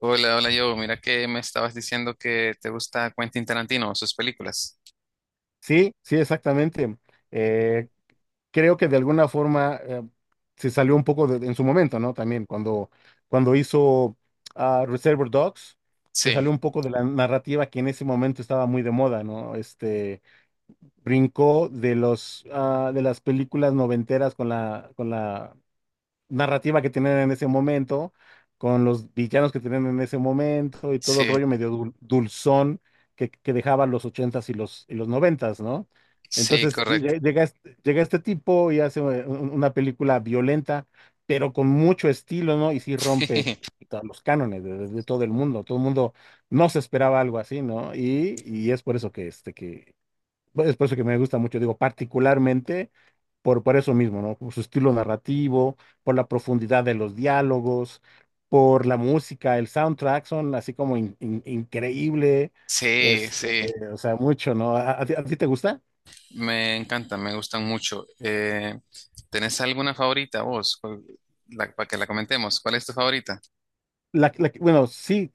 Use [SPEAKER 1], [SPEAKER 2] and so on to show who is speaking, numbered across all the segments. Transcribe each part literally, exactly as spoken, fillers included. [SPEAKER 1] Hola, hola, yo. Mira que me estabas diciendo que te gusta Quentin Tarantino, sus películas.
[SPEAKER 2] Sí, sí, exactamente. Eh, Creo que de alguna forma eh, se salió un poco de- en su momento, ¿no? También cuando, cuando hizo ah, Reservoir Dogs, se
[SPEAKER 1] Sí,
[SPEAKER 2] salió un poco de la narrativa que en ese momento estaba muy de moda, ¿no? Este, brincó de los, ah, de las películas noventeras con la, con la narrativa que tienen en ese momento, con los villanos que tienen en ese momento y todo el
[SPEAKER 1] sí,
[SPEAKER 2] rollo medio dul- dulzón que, que dejaban los ochentas y los y los noventas, ¿no?
[SPEAKER 1] sí,
[SPEAKER 2] Entonces lle-
[SPEAKER 1] correcto.
[SPEAKER 2] lle- llega este, llega este tipo y hace eh, un- una película violenta, pero con mucho estilo, ¿no? Y sí rompe puta, los cánones de, de- de todo el mundo. Todo el mundo no se esperaba algo así, ¿no? Y, y es por eso que este que pues, es por eso que me gusta mucho, digo, particularmente por, por eso mismo, ¿no? Por su estilo narrativo, por la profundidad de los diálogos, por la música, el soundtrack son así como in- in- increíble,
[SPEAKER 1] Sí,
[SPEAKER 2] este,
[SPEAKER 1] sí,
[SPEAKER 2] o sea, mucho, ¿no? ¿A, a ti a ti te gusta?
[SPEAKER 1] me encanta, me gustan mucho. Eh, ¿tenés alguna favorita vos? ¿Cuál- la- ¿para que la comentemos? ¿Cuál es tu favorita?
[SPEAKER 2] La, la que- bueno, sí,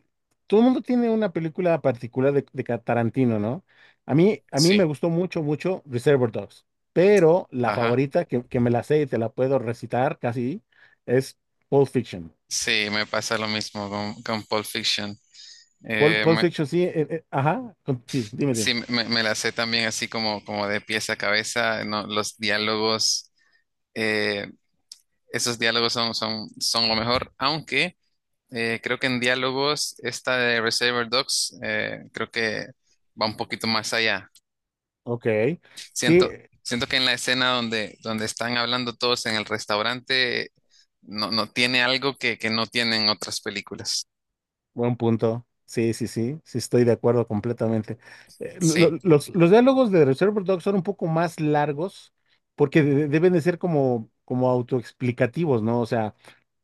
[SPEAKER 2] todo el mundo tiene una película particular de, de Ca- Tarantino, ¿no? A mí, a mí me
[SPEAKER 1] Sí,
[SPEAKER 2] gustó mucho, mucho Reservoir Dogs, pero la
[SPEAKER 1] ajá.
[SPEAKER 2] favorita que, que me la sé y te la puedo recitar casi es Pulp Fiction.
[SPEAKER 1] Sí, me pasa lo mismo con, con Pulp Fiction.
[SPEAKER 2] Pulp,
[SPEAKER 1] Eh,
[SPEAKER 2] Pulp
[SPEAKER 1] me-
[SPEAKER 2] Fiction, sí, eh, eh, ajá, con- sí, dime,
[SPEAKER 1] sí,
[SPEAKER 2] dime.
[SPEAKER 1] me, me la sé también así como, como de pies a cabeza, no, los diálogos. eh, Esos diálogos son, son, son lo mejor, aunque eh, creo que en diálogos esta de Reservoir Dogs eh, creo que va un poquito más allá.
[SPEAKER 2] Ok, sí,
[SPEAKER 1] Siento,
[SPEAKER 2] eh,
[SPEAKER 1] siento que en la escena donde, donde están hablando todos en el restaurante no, no tiene algo que, que no tienen otras películas.
[SPEAKER 2] buen punto. Sí, sí, sí, sí, estoy de acuerdo completamente. Eh, lo-
[SPEAKER 1] Sí,
[SPEAKER 2] lo- los, los diálogos de Reservoir Dogs son un poco más largos porque de- deben de ser como, como autoexplicativos, ¿no? O sea,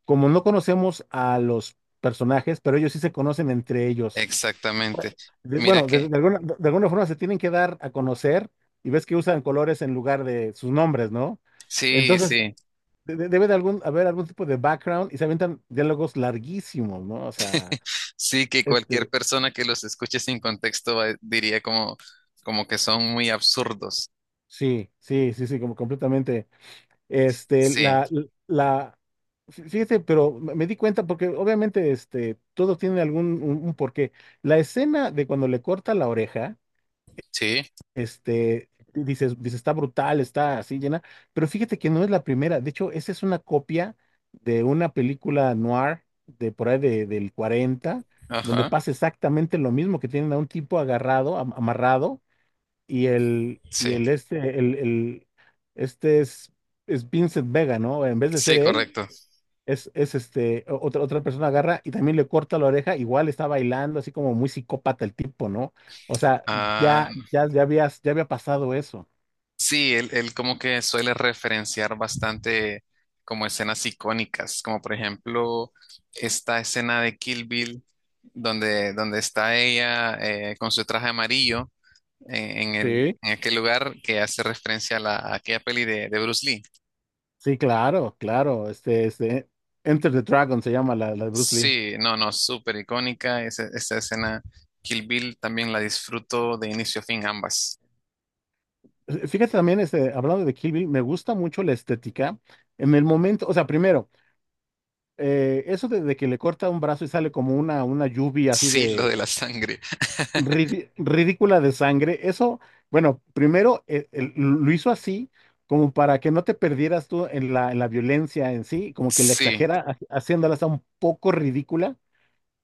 [SPEAKER 2] como no conocemos a los personajes, pero ellos sí se conocen entre ellos.
[SPEAKER 1] exactamente.
[SPEAKER 2] De-
[SPEAKER 1] Mira
[SPEAKER 2] bueno, de,
[SPEAKER 1] que,
[SPEAKER 2] de alguna, de alguna forma se tienen que dar a conocer y ves que usan colores en lugar de sus nombres, ¿no?
[SPEAKER 1] sí,
[SPEAKER 2] Entonces,
[SPEAKER 1] sí,
[SPEAKER 2] de- de- debe de algún, haber algún tipo de background y se avientan diálogos larguísimos, ¿no? O sea,
[SPEAKER 1] sí que cualquier
[SPEAKER 2] este,
[SPEAKER 1] persona que los escuche sin contexto va- diría como, como que son muy absurdos.
[SPEAKER 2] sí, sí, sí, sí, como completamente. Este,
[SPEAKER 1] Sí,
[SPEAKER 2] la, la, fí- fíjate, pero me me di cuenta porque obviamente, este, todo tiene algún, un, un porqué. La escena de cuando le corta la oreja.
[SPEAKER 1] sí,
[SPEAKER 2] Este, y dices, dices, está brutal, está así llena, pero fíjate que no es la primera. De hecho, esa es una copia de una película noir de por ahí de- del cuarenta donde
[SPEAKER 1] ajá,
[SPEAKER 2] pasa exactamente lo mismo, que tienen a un tipo agarrado, am- amarrado, y el, y
[SPEAKER 1] sí.
[SPEAKER 2] el este, el, el- este es, es Vincent Vega, ¿no? En vez de ser
[SPEAKER 1] Sí,
[SPEAKER 2] él,
[SPEAKER 1] correcto.
[SPEAKER 2] es, es este, o- otra, otra persona agarra y también le corta la oreja, igual está bailando, así como muy psicópata el tipo, ¿no? O sea,
[SPEAKER 1] Ah,
[SPEAKER 2] ya, ya, ya habías, ya había pasado eso.
[SPEAKER 1] sí, él, él como que suele referenciar bastante como escenas icónicas, como por ejemplo esta escena de Kill Bill, donde, donde está ella eh, con su traje amarillo eh, en el,
[SPEAKER 2] Sí.
[SPEAKER 1] en aquel lugar que hace referencia a, la, a aquella peli de, de Bruce Lee.
[SPEAKER 2] Sí, claro, claro. Este, este, Enter the Dragon se llama la, la de Bruce Lee.
[SPEAKER 1] Sí, no, no, súper icónica esa, esa escena. Kill Bill también la disfruto de inicio a fin ambas.
[SPEAKER 2] Eh, Fíjate también, este, hablando de Kill Bill, me gusta mucho la estética. En el momento, o sea, primero, eh, eso de, de que le corta un brazo y sale como una, una lluvia así
[SPEAKER 1] Sí, lo de
[SPEAKER 2] de
[SPEAKER 1] la sangre.
[SPEAKER 2] Ridi- ridícula de sangre. Eso, bueno, primero eh, el- lo hizo así como para que no te perdieras tú en la, en la violencia en sí, como que la
[SPEAKER 1] Sí,
[SPEAKER 2] exagera ha- haciéndola hasta un poco ridícula.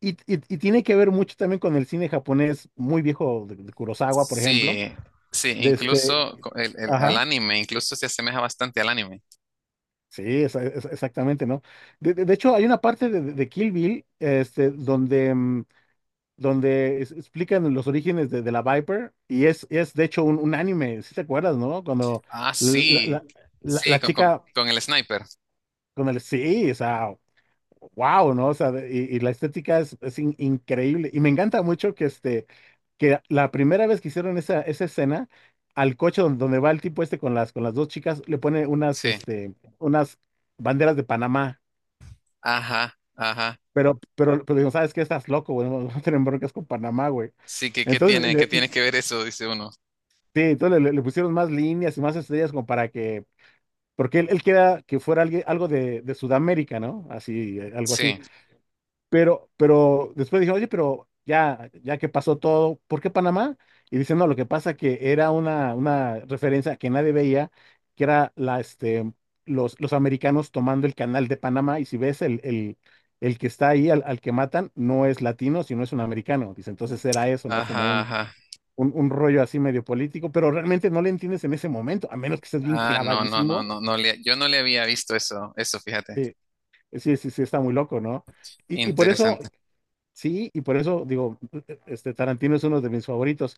[SPEAKER 2] Y, y- y tiene que ver mucho también con el cine japonés muy viejo de, de Kurosawa, por ejemplo.
[SPEAKER 1] sí, sí,
[SPEAKER 2] De este,
[SPEAKER 1] incluso co- el, el- al
[SPEAKER 2] ajá,
[SPEAKER 1] anime, incluso se asemeja bastante al anime.
[SPEAKER 2] sí, esa- esa- exactamente, ¿no? De, de- de hecho, hay una parte de, de- de Kill Bill este, donde mm, donde es- explican los orígenes de, de la Viper y es, es de hecho un, un anime, si te acuerdas, ¿no? Cuando
[SPEAKER 1] Ah,
[SPEAKER 2] la, la-
[SPEAKER 1] sí,
[SPEAKER 2] la-
[SPEAKER 1] sí,
[SPEAKER 2] la
[SPEAKER 1] con, con,
[SPEAKER 2] chica
[SPEAKER 1] con el sniper,
[SPEAKER 2] con el sí, o sea, wow, ¿no? O sea, de- y, y la estética es, es in- increíble y me encanta mucho que este, que la primera vez que hicieron esa, esa escena, al coche don- donde va el tipo este con las, con las dos chicas, le pone unas,
[SPEAKER 1] sí.
[SPEAKER 2] este, unas banderas de Panamá.
[SPEAKER 1] Ajá, ajá.
[SPEAKER 2] Pero, pero, pero digo, ¿sabes qué? Estás loco, güey. No, no tienen broncas con Panamá, güey.
[SPEAKER 1] Sí, ¿que qué tiene, qué
[SPEAKER 2] Entonces,
[SPEAKER 1] tiene que ver eso? Dice uno.
[SPEAKER 2] sí, entonces le, le pusieron más líneas y más estrellas como para que, porque él, él quería que fuera alguien, algo de, de Sudamérica, ¿no? Así, eh, algo así.
[SPEAKER 1] Sí,
[SPEAKER 2] Pero, pero después dije, oye, pero ya, ya que pasó todo, ¿por qué Panamá? Y dice, no, lo que pasa que era una, una referencia que nadie veía, que era la, este, los, los americanos tomando el canal de Panamá, y si ves el, el, el que está ahí, al, al que matan, no es latino, sino es un americano. Dice, entonces era eso, ¿no?
[SPEAKER 1] ajá,
[SPEAKER 2] Como
[SPEAKER 1] ajá.
[SPEAKER 2] un, un rollo así medio político, pero realmente no le entiendes en ese momento, a menos que estés bien
[SPEAKER 1] Ah, no, no, no,
[SPEAKER 2] clavadísimo.
[SPEAKER 1] no, no le, yo no le había visto eso, eso, fíjate.
[SPEAKER 2] Sí, sí, sí, sí, está muy loco, ¿no? Y, y por eso,
[SPEAKER 1] Interesante.
[SPEAKER 2] sí, y por eso digo, este Tarantino es uno de mis favoritos.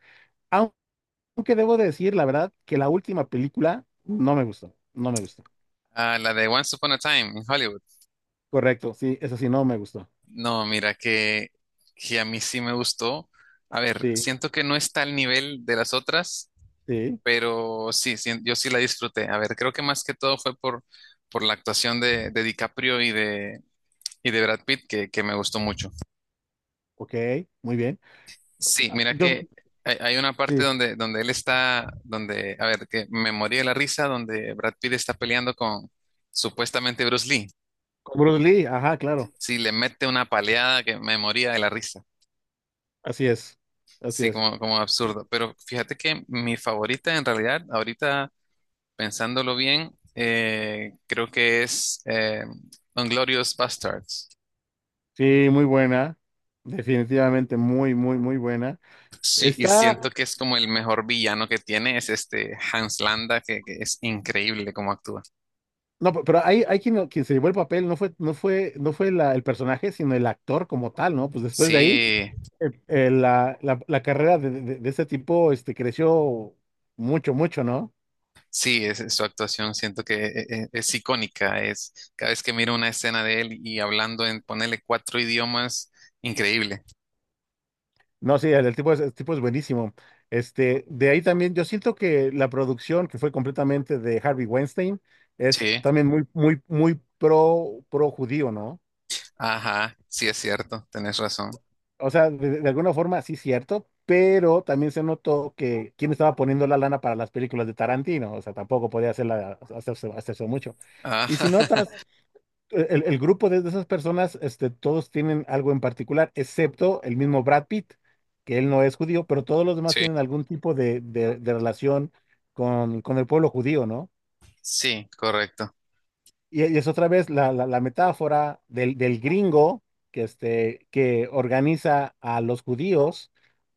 [SPEAKER 2] Aunque debo decir, la verdad, que la última película no me gustó, no me gustó.
[SPEAKER 1] Ah, la de Once Upon a Time en Hollywood.
[SPEAKER 2] Correcto, sí, eso sí, no me gustó.
[SPEAKER 1] No, mira, que, que a mí sí me gustó. A ver,
[SPEAKER 2] Sí,
[SPEAKER 1] siento que no está al nivel de las otras,
[SPEAKER 2] sí,
[SPEAKER 1] pero sí, sí, yo sí la disfruté. A ver, creo que más que todo fue por, por la actuación de, de DiCaprio y de, y de Brad Pitt que, que me gustó mucho.
[SPEAKER 2] ok, muy bien.
[SPEAKER 1] Sí,
[SPEAKER 2] Ah,
[SPEAKER 1] mira
[SPEAKER 2] yo,
[SPEAKER 1] que hay, hay una parte
[SPEAKER 2] sí,
[SPEAKER 1] donde, donde él está, donde, a ver, que me morí de la risa, donde Brad Pitt está peleando con supuestamente Bruce Lee.
[SPEAKER 2] con Bruce Lee, ajá, claro,
[SPEAKER 1] Sí, le mete una paleada que me moría de la risa.
[SPEAKER 2] así es, así
[SPEAKER 1] Sí,
[SPEAKER 2] es.
[SPEAKER 1] como, como absurdo. Pero fíjate que mi favorita en realidad, ahorita... pensándolo bien, eh, creo que es eh, Inglorious Bastards.
[SPEAKER 2] Sí, muy buena, definitivamente muy, muy, muy buena.
[SPEAKER 1] Sí, y
[SPEAKER 2] Está,
[SPEAKER 1] siento que es como el mejor villano que tiene, es este Hans Landa, que, que es increíble cómo actúa.
[SPEAKER 2] no, pe- pero hay, hay quien, quien se llevó el papel, no fue, no fue, no fue la- el personaje, sino el actor como tal, ¿no? Pues después de ahí,
[SPEAKER 1] Sí,
[SPEAKER 2] eh, eh, la, la- la carrera de, de, de este tipo, este, creció mucho, mucho, ¿no?
[SPEAKER 1] sí, es, su actuación siento que e- e- es icónica, es cada vez que miro una escena de él y hablando en ponerle cuatro idiomas, increíble.
[SPEAKER 2] No, sí, el, el tipo es, el tipo es buenísimo. Este, de ahí también, yo siento que la producción, que fue completamente de Harvey Weinstein, es
[SPEAKER 1] Sí,
[SPEAKER 2] también muy, muy, muy pro, pro judío, ¿no?
[SPEAKER 1] ajá, sí es cierto, tenés razón.
[SPEAKER 2] O sea, de, de alguna forma sí cierto, pero también se notó que quién estaba poniendo la lana para las películas de Tarantino, o sea, tampoco podía hacerla, hacerse, hacerse mucho.
[SPEAKER 1] Ah,
[SPEAKER 2] Y si notas, e, el, el grupo de, de esas personas, este, todos tienen algo en particular, excepto el mismo Brad Pitt, que él no es judío, pero todos los demás
[SPEAKER 1] sí,
[SPEAKER 2] tienen algún tipo de, de- de relación con, con el pueblo judío, ¿no?
[SPEAKER 1] sí, correcto,
[SPEAKER 2] Y, y es otra vez la, la- la metáfora del, del gringo que, este, que organiza a los judíos,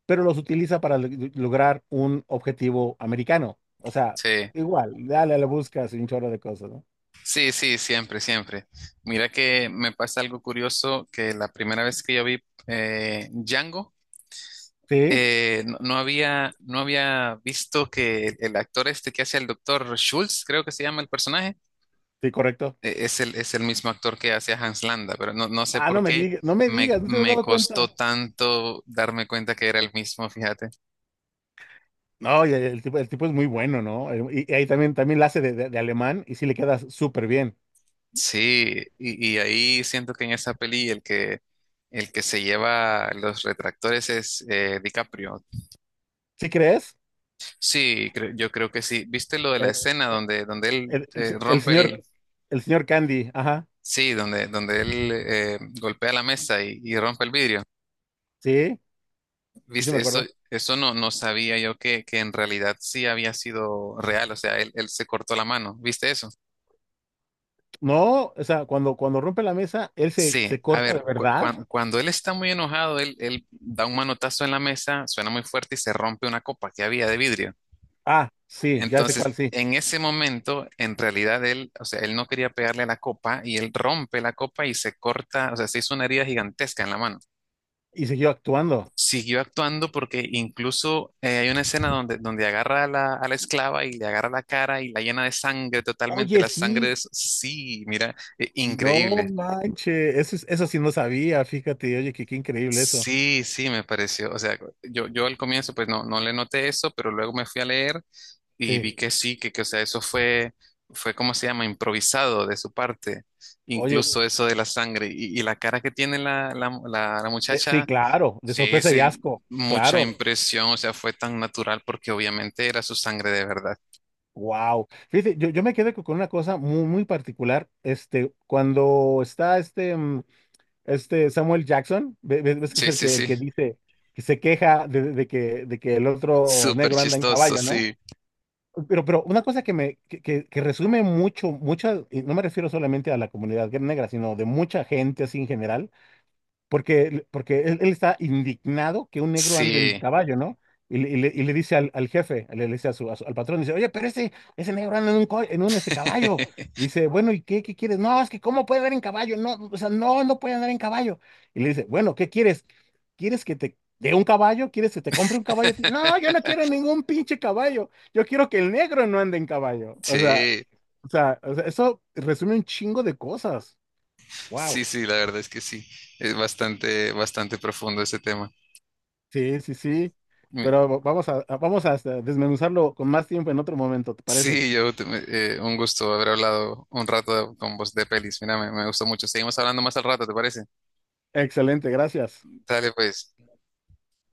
[SPEAKER 2] pero los utiliza para lo- lograr un objetivo americano. O sea,
[SPEAKER 1] sí.
[SPEAKER 2] igual, dale a la busca un chorro de cosas, ¿no?
[SPEAKER 1] Sí, sí, siempre, siempre. Mira que me pasa algo curioso que la primera vez que yo vi eh, Django,
[SPEAKER 2] Sí,
[SPEAKER 1] eh, no, no había, no había visto que el, el actor este que hace el doctor Schultz, creo que se llama el personaje,
[SPEAKER 2] sí, correcto.
[SPEAKER 1] eh, es el, es el mismo actor que hace a Hans Landa, pero no, no sé
[SPEAKER 2] Ah,
[SPEAKER 1] por
[SPEAKER 2] no me
[SPEAKER 1] qué
[SPEAKER 2] digas, no me
[SPEAKER 1] me,
[SPEAKER 2] digas, no te has
[SPEAKER 1] me
[SPEAKER 2] dado
[SPEAKER 1] costó
[SPEAKER 2] cuenta.
[SPEAKER 1] tanto darme cuenta que era el mismo, fíjate.
[SPEAKER 2] No, y el, tipo, el tipo es muy bueno, ¿no? Eh, Y, y ahí también, también la hace de, de- de alemán y sí le queda súper bien.
[SPEAKER 1] Sí, y, y ahí siento que en esa peli el que, el que se lleva los retractores es eh, DiCaprio.
[SPEAKER 2] ¿Sí crees?
[SPEAKER 1] Sí, cre- yo creo que sí. ¿Viste lo de la
[SPEAKER 2] El,
[SPEAKER 1] escena donde, donde él
[SPEAKER 2] el-
[SPEAKER 1] eh,
[SPEAKER 2] el- el
[SPEAKER 1] rompe
[SPEAKER 2] señor,
[SPEAKER 1] el...
[SPEAKER 2] el señor Candy, ajá,
[SPEAKER 1] Sí, donde, donde él eh, golpea la mesa y, y rompe el vidrio?
[SPEAKER 2] sí, sí, sí me
[SPEAKER 1] ¿Viste? Eso,
[SPEAKER 2] acuerdo.
[SPEAKER 1] eso no, no sabía yo que, que en realidad sí había sido real. O sea, él, él se cortó la mano. ¿Viste eso?
[SPEAKER 2] No, o sea, cuando, cuando rompe la mesa, él se,
[SPEAKER 1] Sí,
[SPEAKER 2] se
[SPEAKER 1] a
[SPEAKER 2] corta
[SPEAKER 1] ver,
[SPEAKER 2] de
[SPEAKER 1] cu-
[SPEAKER 2] verdad.
[SPEAKER 1] cuan- cuando él está muy enojado, él, él da un manotazo en la mesa, suena muy fuerte y se rompe una copa que había de vidrio.
[SPEAKER 2] Ah, sí, ya sé cuál,
[SPEAKER 1] Entonces,
[SPEAKER 2] sí.
[SPEAKER 1] en ese momento, en realidad él, o sea, él no quería pegarle a la copa y él rompe la copa y se corta, o sea, se hizo una herida gigantesca en la mano.
[SPEAKER 2] Y siguió actuando.
[SPEAKER 1] Siguió actuando porque incluso eh, hay una escena donde, donde agarra a la, a la esclava y le agarra la cara y la llena de sangre totalmente.
[SPEAKER 2] Oye,
[SPEAKER 1] La sangre
[SPEAKER 2] sí,
[SPEAKER 1] es, sí, mira, eh,
[SPEAKER 2] no
[SPEAKER 1] increíble.
[SPEAKER 2] manches. Eso, es- eso sí no sabía, fíjate. Oye, qué, qué increíble eso.
[SPEAKER 1] Sí, sí, me pareció. O sea, yo, yo al comienzo pues no, no le noté eso, pero luego me fui a leer y
[SPEAKER 2] Sí,
[SPEAKER 1] vi que sí, que, que, o sea, eso fue, fue, ¿cómo se llama? Improvisado de su parte.
[SPEAKER 2] oye,
[SPEAKER 1] Incluso eso de la sangre. Y, y la cara que tiene la, la, la, la
[SPEAKER 2] de- sí,
[SPEAKER 1] muchacha,
[SPEAKER 2] claro, de
[SPEAKER 1] sí,
[SPEAKER 2] sorpresa y
[SPEAKER 1] sí,
[SPEAKER 2] asco,
[SPEAKER 1] mucha
[SPEAKER 2] claro.
[SPEAKER 1] impresión. O sea, fue tan natural porque obviamente era su sangre de verdad.
[SPEAKER 2] Wow. Fíjate, yo, yo me quedé con con una cosa muy, muy particular. Este, cuando está este, mm, este Samuel Jackson, ve- ve- ves que es
[SPEAKER 1] Sí,
[SPEAKER 2] el
[SPEAKER 1] sí,
[SPEAKER 2] que, el
[SPEAKER 1] sí.
[SPEAKER 2] que dice, que se queja de, de que, de que el otro
[SPEAKER 1] Súper
[SPEAKER 2] negro anda en
[SPEAKER 1] chistoso,
[SPEAKER 2] caballo, ¿no?
[SPEAKER 1] sí.
[SPEAKER 2] Pero, pero una cosa que me que, que- que resume mucho, mucha, y no me refiero solamente a la comunidad negra, sino de mucha gente así en general, porque, porque él, él está indignado que un negro ande en
[SPEAKER 1] Sí.
[SPEAKER 2] caballo, ¿no? Y, le, y le- y le dice al, al jefe, le, le dice a su, a su- al patrón, dice, oye, pero ese, ese negro anda en un, co- en un este caballo. Y dice, bueno, ¿y qué, qué quieres? No, es que ¿cómo puede andar en caballo? No, o sea, no, no puede andar en caballo. Y le dice, bueno, ¿qué quieres? ¿Quieres que te dé un caballo? ¿Quieres que te compre un caballo a ti?". No, yo no quiero ningún pinche caballo. Yo quiero que el negro no ande en caballo. O sea,
[SPEAKER 1] Sí,
[SPEAKER 2] o sea, o sea, eso resume un chingo de cosas.
[SPEAKER 1] sí,
[SPEAKER 2] Wow.
[SPEAKER 1] sí, la verdad es que sí. Es bastante, bastante profundo ese tema.
[SPEAKER 2] Sí, sí, sí. Pero vamos a, a- vamos a este, desmenuzarlo con más tiempo en otro momento, ¿te parece?
[SPEAKER 1] Sí, yo te- me- eh, un gusto haber hablado un rato con vos de pelis. Mira, me, me gustó mucho. Seguimos hablando más al rato, ¿te parece?
[SPEAKER 2] Excelente, gracias.
[SPEAKER 1] Dale, pues.